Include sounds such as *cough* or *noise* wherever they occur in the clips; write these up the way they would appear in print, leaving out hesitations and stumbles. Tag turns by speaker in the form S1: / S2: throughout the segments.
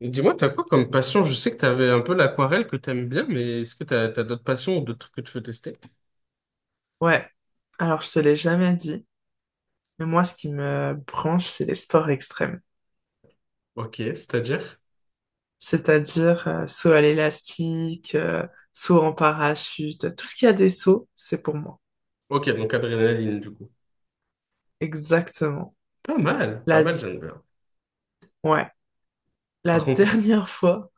S1: Et dis-moi, t'as quoi comme passion? Je sais que t'avais un peu l'aquarelle que t'aimes bien, mais est-ce que t'as, t'as d'autres passions ou d'autres trucs que tu veux tester?
S2: Ouais, alors je te l'ai jamais dit, mais moi ce qui me branche, c'est les sports extrêmes.
S1: Ok, c'est-à-dire?
S2: C'est-à-dire saut à l'élastique, saut en parachute, tout ce qui a des sauts, c'est pour moi.
S1: Ok, donc adrénaline, du coup.
S2: Exactement.
S1: Pas mal, pas
S2: La,
S1: mal, j'aime bien.
S2: ouais, la
S1: Par contre,
S2: dernière *laughs* fois,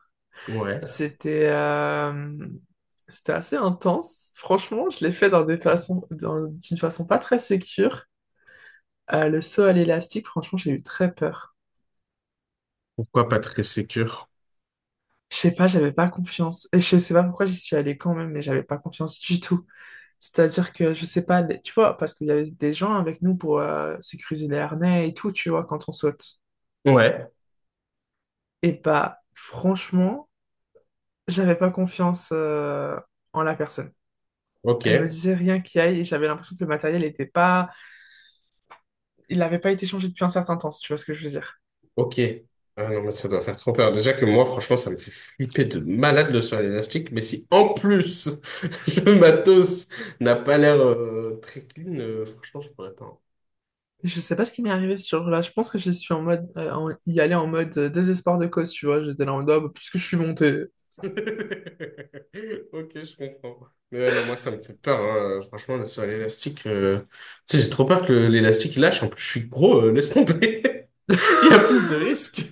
S1: ouais.
S2: c'était euh, c'était assez intense. Franchement, je l'ai fait dans des façons, d'une façon pas très sécure. Le saut à l'élastique, franchement, j'ai eu très peur.
S1: Pourquoi pas très sécure?
S2: Je sais pas, j'avais pas confiance. Et je sais pas pourquoi j'y suis allée quand même, mais j'avais pas confiance du tout. C'est-à-dire que, je sais pas, tu vois, parce qu'il y avait des gens avec nous pour sécuriser les harnais et tout, tu vois, quand on saute.
S1: Ouais,
S2: Et bah, franchement, j'avais pas confiance en la personne.
S1: ok,
S2: Elle me disait rien qui aille et j'avais l'impression que le matériel était pas... Il n'avait pas été changé depuis un certain temps, si tu vois ce que je veux dire.
S1: ok. Ah non, mais ça doit faire trop peur. Déjà que moi, franchement, ça me fait flipper de malade le sol élastique, mais si en plus *laughs* le matos n'a pas l'air très clean, franchement, je pourrais pas, hein.
S2: Je sais pas ce qui m'est arrivé ce jour-là. Je pense que je suis en mode, y aller en mode désespoir de cause, tu vois. J'étais là en mode, ah, bah, puisque je suis montée.
S1: *laughs* Ok, je comprends. Mais ouais, non, moi, ça me fait peur, hein. Franchement, là, sur l'élastique, tu sais, j'ai trop peur que l'élastique il lâche. En plus, je suis gros, laisse tomber. *laughs* Il y a plus de
S2: *laughs*
S1: risques.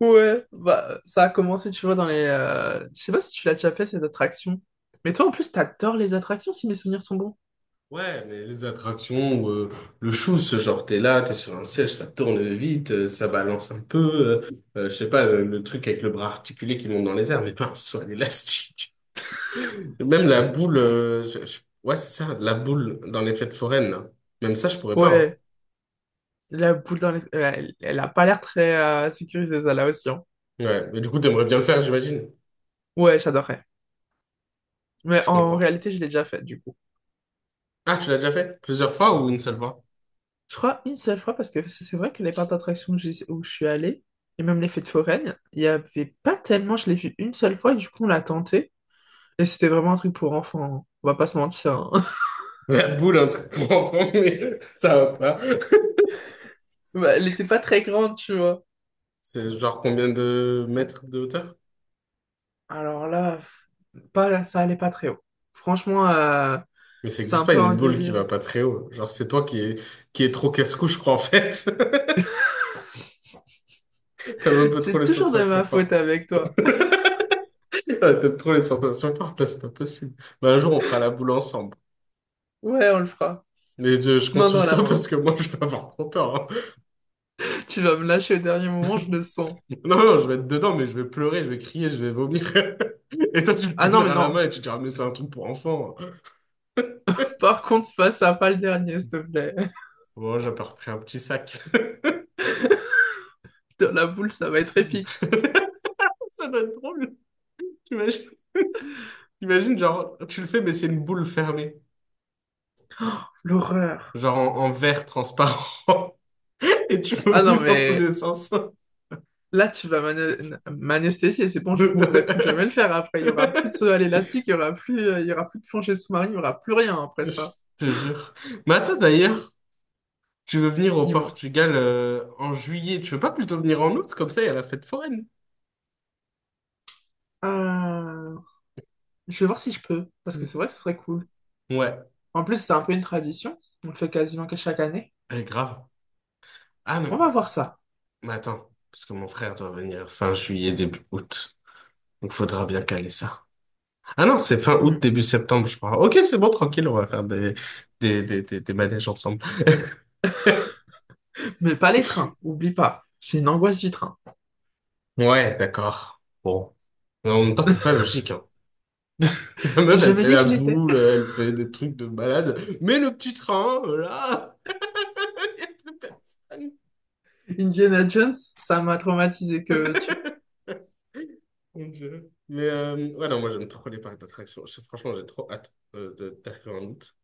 S2: Ouais, bah, ça a commencé, tu vois, je sais pas si tu l'as déjà fait, ces attractions. Mais toi, en plus, t'adores les attractions, si mes souvenirs sont bons.
S1: Ouais, mais les attractions, ou, le chou, ce genre, t'es là, t'es sur un siège, ça tourne vite, ça balance un peu. Je sais pas, le truc avec le bras articulé qui monte dans les airs, mais pas *laughs* sur l'élastique. Même la boule, ouais, c'est ça, la boule dans les fêtes foraines, là. Même ça, je pourrais pas, hein.
S2: Ouais, la boule elle, elle a pas l'air très sécurisée, ça, là aussi, hein.
S1: Ouais, mais du coup, t'aimerais bien le faire, j'imagine.
S2: Ouais, j'adorerais. Mais
S1: Je
S2: en
S1: comprends.
S2: réalité, je l'ai déjà faite, du coup.
S1: Ah, tu l'as déjà fait? Plusieurs fois ou une seule fois?
S2: Je crois une seule fois, parce que c'est vrai que les parcs d'attractions que où je suis allée, et même les fêtes foraines, il y avait pas tellement... Je l'ai vu une seule fois, et du coup, on l'a tenté. Et c'était vraiment un truc pour enfants, hein. On va pas se mentir, hein. *laughs*
S1: *laughs* La boule, un truc pour enfant, *laughs* mais ça va pas.
S2: Bah, elle était pas très grande, tu vois.
S1: C'est genre combien de mètres de hauteur?
S2: Alors là, pff, pas, ça allait pas très haut. Franchement,
S1: Mais ça
S2: c'était
S1: existe
S2: un
S1: pas
S2: peu un
S1: une boule qui
S2: délire.
S1: va pas très haut. Genre, c'est toi qui est trop casse-cou, je crois, en fait. *laughs* T'aimes un
S2: *laughs*
S1: peu trop
S2: C'est
S1: les
S2: toujours de
S1: sensations
S2: ma faute
S1: fortes.
S2: avec
S1: *laughs*
S2: toi.
S1: Ouais, t'aimes trop les sensations fortes, là, c'est pas possible. Bah, un jour, on fera la boule ensemble.
S2: Ouais, on le fera.
S1: Mais je compte
S2: Main dans
S1: sur
S2: la
S1: toi
S2: main.
S1: parce que moi, je vais avoir trop peur, hein.
S2: *laughs* Tu vas me lâcher au dernier moment, je le sens.
S1: Non, non, je vais être dedans, mais je vais pleurer, je vais crier, je vais vomir. *laughs* Et toi, tu me
S2: Ah non, mais
S1: tiendras la
S2: non.
S1: main et tu diras, mais c'est un truc pour enfants.
S2: Par contre, fais ça, pas le dernier, s'il te plaît. *laughs*
S1: Bon, j'ai pas repris un petit sac.
S2: Dans la boule, ça va être épique.
S1: *laughs* Ça doit être drôle. T'imagines, *laughs* t'imagines, genre, tu le fais, mais c'est une boule fermée.
S2: L'horreur.
S1: Genre en, en verre transparent. *laughs* Et tu
S2: Ah non,
S1: vomis dans tous
S2: mais
S1: les sens. *laughs*
S2: là, tu vas m'anesthésier. C'est bon, je voudrais plus jamais le faire après. Il y aura plus de saut à l'élastique, il y aura plus de plancher sous-marin, il y aura plus rien après
S1: Je
S2: ça.
S1: te jure. Mais attends, d'ailleurs, tu veux venir au
S2: Dis-moi.
S1: Portugal en juillet. Tu veux pas plutôt venir en août? Comme ça, il y a la fête foraine.
S2: Euh, Je vais voir si je peux, parce que c'est vrai que ce serait cool.
S1: Ouais,
S2: En plus, c'est un peu une tradition. On le fait quasiment qu'à chaque année.
S1: eh, grave. Ah non,
S2: On va
S1: bah,
S2: voir ça.
S1: mais attends, parce que mon frère doit venir fin juillet, début août. Donc faudra bien caler ça. Ah non, c'est fin août,
S2: Mm.
S1: début septembre, je crois. Ok, c'est bon, tranquille, on va faire des manèges ensemble. *laughs*
S2: Mais pas les trains, oublie pas. J'ai une angoisse du train.
S1: Ouais, d'accord. Bon. Mais en même temps, pas
S2: *laughs*
S1: logique, hein. *laughs* La
S2: J'ai
S1: meuf, elle
S2: jamais
S1: fait
S2: dit que
S1: la
S2: je l'étais.
S1: boule, elle fait des trucs de malade. Mais le petit train, là, *laughs* il y a plus personne.
S2: Indiana Jones, ça m'a traumatisé que tu.
S1: Mon Dieu. Mais ouais, non, moi j'aime trop les parcs d'attractions. Franchement, j'ai trop hâte d'arriver en août.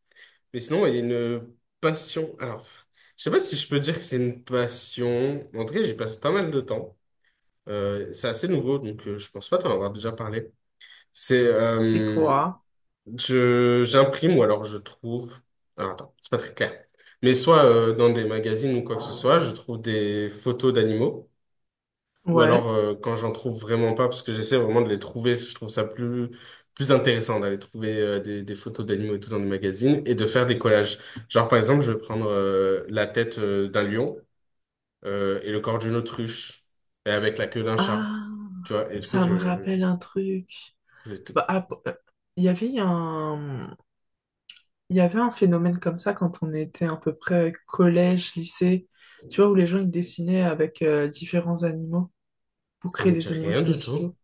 S1: Mais sinon, il y a une passion. Alors, je sais pas si je peux dire que c'est une passion. En tout cas, j'y passe pas mal de temps. C'est assez nouveau, donc je pense pas t'en avoir déjà parlé. C'est,
S2: C'est
S1: euh,
S2: quoi?
S1: J'imprime ou alors je trouve. Alors, attends, c'est pas très clair. Mais soit dans des magazines ou quoi que ce soit, je trouve des photos d'animaux. Ou alors,
S2: Ouais.
S1: quand j'en trouve vraiment pas, parce que j'essaie vraiment de les trouver, je trouve ça plus intéressant d'aller trouver des photos d'animaux et tout dans des magazines et de faire des collages. Genre, par exemple, je vais prendre la tête d'un lion et le corps d'une autruche et avec la queue d'un chat,
S2: Ah,
S1: tu vois. Et du coup,
S2: ça me rappelle un truc.
S1: je,
S2: Bah, il y avait il y avait un phénomène comme ça quand on était à peu près collège, lycée, tu vois, où les gens ils dessinaient avec différents animaux pour
S1: ça
S2: créer
S1: me dit
S2: des animaux
S1: rien du tout.
S2: spéciaux.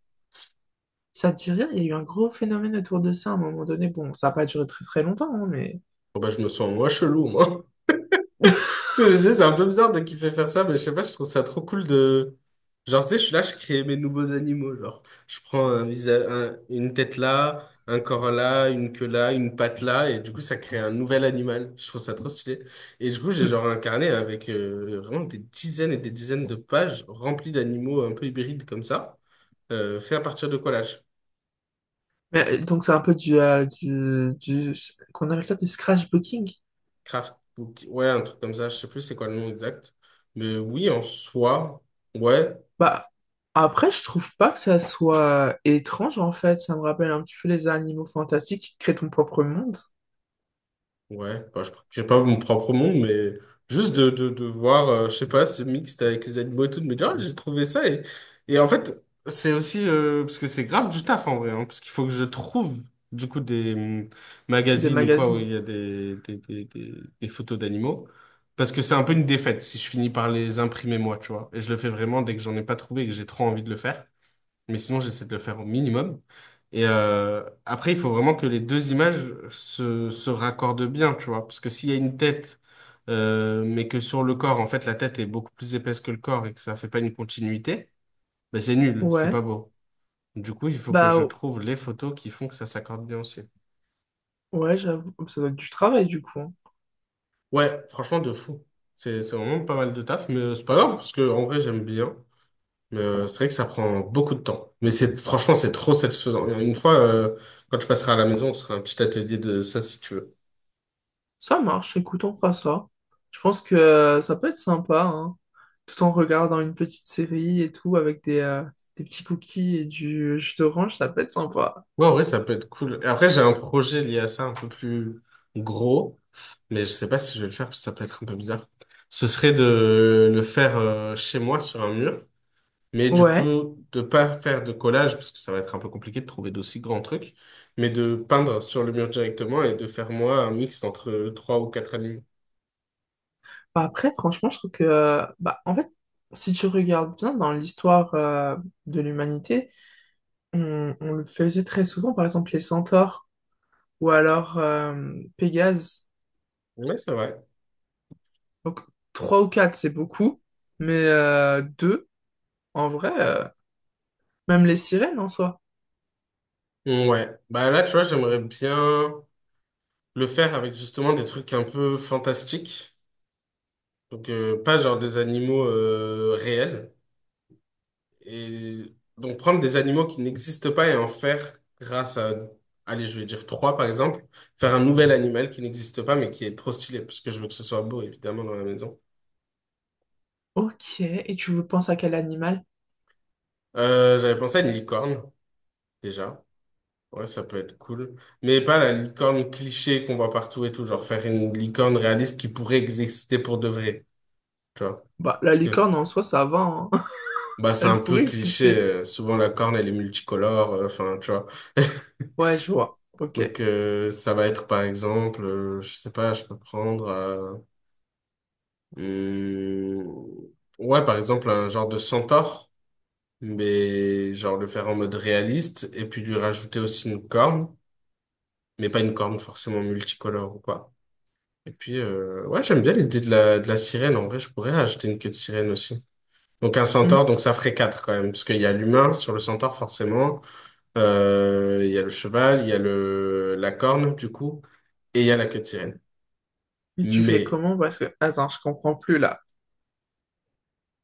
S2: Ça te dit rien? Il y a eu un gros phénomène autour de ça à un moment donné. Bon, ça n'a pas duré très très longtemps, hein, mais...
S1: Bon, bah, je me sens moi chelou, moi. Tu
S2: *laughs*
S1: sais, je me disais, c'est un peu bizarre de kiffer faire ça, mais je sais pas, je trouve ça trop cool de. Genre, tu sais, je suis là, je crée mes nouveaux animaux. Genre, je prends un visage, une tête là, un corps là, une queue là, une patte là, et du coup, ça crée un nouvel animal. Je trouve ça trop stylé. Et du coup, j'ai genre un carnet avec vraiment des dizaines et des dizaines de pages remplies d'animaux un peu hybrides comme ça, fait à partir de collages.
S2: Mais, donc c'est un peu qu'on appelle ça du scratchbooking.
S1: Craft book. Ouais, un truc comme ça, je sais plus c'est quoi le nom exact. Mais oui, en soi, ouais.
S2: Bah, après, je trouve pas que ça soit étrange, en fait. Ça me rappelle un petit peu les animaux fantastiques qui créent ton propre monde,
S1: Ouais, bah, je ne crée pas mon propre monde, mais juste de, de voir, je sais pas, ce mixte avec les animaux et tout, de me dire, ah, j'ai trouvé ça. Et en fait, c'est aussi, parce que c'est grave du taf en vrai, hein, parce qu'il faut que je trouve, du coup, des
S2: des
S1: magazines ou quoi, où
S2: magazines.
S1: il y a des photos d'animaux. Parce que c'est un peu une défaite si je finis par les imprimer moi, tu vois. Et je le fais vraiment dès que j'en ai pas trouvé et que j'ai trop envie de le faire, mais sinon j'essaie de le faire au minimum. Et après, il faut vraiment que les deux images se raccordent bien, tu vois. Parce que s'il y a une tête, mais que sur le corps, en fait, la tête est beaucoup plus épaisse que le corps et que ça fait pas une continuité, ben c'est nul, c'est pas
S2: Ouais,
S1: beau. Du coup, il faut que je
S2: bah
S1: trouve les photos qui font que ça s'accorde bien aussi.
S2: ouais, j'avoue. Ça doit être du travail, du coup, hein.
S1: Ouais, franchement, de fou. C'est vraiment pas mal de taf, mais c'est pas grave, parce que en vrai, j'aime bien. C'est vrai que ça prend beaucoup de temps. Mais c'est franchement, c'est trop satisfaisant. Une fois, quand je passerai à la maison, on se fera un petit atelier de ça si tu veux.
S2: Ça marche, écoute, on fera ça. Je pense que ça peut être sympa, hein, tout en regardant une petite série et tout, avec des petits cookies et du jus d'orange, ça peut être sympa.
S1: Ouais, en vrai, ça peut être cool. Et après, j'ai un projet lié à ça un peu plus gros, mais je sais pas si je vais le faire parce que ça peut être un peu bizarre. Ce serait de le faire chez moi sur un mur, mais du
S2: Ouais.
S1: coup, de pas faire de collage parce que ça va être un peu compliqué de trouver d'aussi grands trucs, mais de peindre sur le mur directement et de faire moi un mixte entre trois ou quatre animaux.
S2: Bah après, franchement, je trouve que, bah, en fait, si tu regardes bien dans l'histoire de l'humanité, on le faisait très souvent, par exemple les centaures ou alors Pégase.
S1: Ouais, c'est vrai.
S2: Donc, trois ou quatre, c'est beaucoup, mais deux, en vrai, même les sirènes en soi.
S1: Ouais, bah là, tu vois, j'aimerais bien le faire avec justement des trucs un peu fantastiques. Donc, pas genre des animaux réels. Et donc, prendre des animaux qui n'existent pas et en faire grâce à, allez, je vais dire trois par exemple, faire un nouvel animal qui n'existe pas mais qui est trop stylé parce que je veux que ce soit beau évidemment dans la maison.
S2: Ok, et tu veux penser à quel animal?
S1: J'avais pensé à une licorne déjà. Ouais, ça peut être cool. Mais pas la licorne cliché qu'on voit partout et tout, genre faire une licorne réaliste qui pourrait exister pour de vrai, tu vois.
S2: Bah, la
S1: Parce que
S2: licorne en soi, ça va, hein. *laughs*
S1: bah, c'est un
S2: Elle
S1: peu
S2: pourrait
S1: cliché,
S2: exister.
S1: souvent la corne, elle est multicolore, enfin, tu vois. *laughs*
S2: Ouais, je vois. Ok.
S1: Donc, ça va être, par exemple, je sais pas, je peux prendre... hum, ouais, par exemple, un genre de centaure, mais genre le faire en mode réaliste, et puis lui rajouter aussi une corne, mais pas une corne forcément multicolore ou quoi. Et puis, ouais, j'aime bien l'idée de de la sirène. En vrai, je pourrais ajouter une queue de sirène aussi. Donc un centaure,
S2: Hmm.
S1: donc ça ferait quatre quand même, parce qu'il y a l'humain sur le centaure forcément. Il y a le cheval, il y a la corne, du coup, et il y a la queue de sirène.
S2: Et tu fais
S1: Mais
S2: comment? Parce que, attends, je comprends plus là.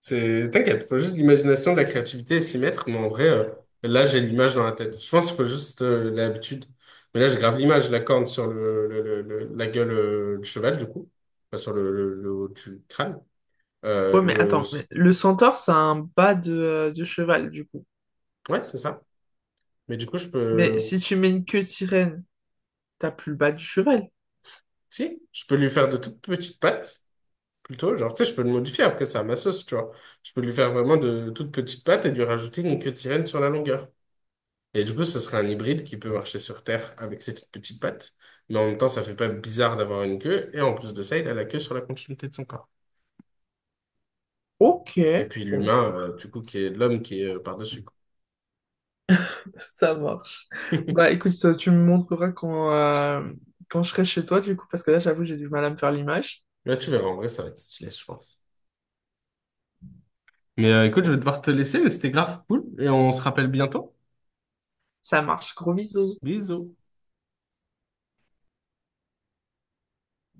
S1: c'est, t'inquiète, faut juste de l'imagination, de la créativité et s'y mettre. Mais en vrai, là, j'ai l'image dans la tête. Je pense qu'il faut juste l'habitude. Mais là, j'ai grave l'image, la corne sur la gueule du cheval, du coup. Enfin, sur le haut du crâne. Euh,
S2: Ouais, mais
S1: le...
S2: attends, mais le centaure, c'est un bas de cheval, du coup.
S1: Ouais, c'est ça. Mais du coup, je
S2: Mais
S1: peux...
S2: si tu mets une queue de sirène, t'as plus le bas du cheval.
S1: Si, je peux lui faire de toutes petites pattes. Plutôt, genre, tu sais, je peux le modifier après, c'est à ma sauce, tu vois. Je peux lui faire vraiment de toutes petites pattes et lui rajouter une queue de sirène sur la longueur. Et du coup, ce serait un hybride qui peut marcher sur Terre avec ses toutes petites pattes. Mais en même temps, ça fait pas bizarre d'avoir une queue. Et en plus de ça, il a la queue sur la continuité de son corps.
S2: Ok,
S1: Et puis
S2: bon,
S1: l'humain, du coup, qui est l'homme qui est par-dessus, quoi.
S2: *laughs* ça marche. Bah,
S1: *laughs*
S2: écoute, ça, tu me montreras quand, quand je serai chez toi, du coup, parce que là, j'avoue, j'ai du mal à me faire l'image.
S1: Là, tu verras, en vrai, ça va être stylé, je pense. Mais écoute, je vais
S2: Bon,
S1: devoir te laisser, mais c'était grave cool. Et on se rappelle bientôt.
S2: ça marche. Gros bisous.
S1: Bisous.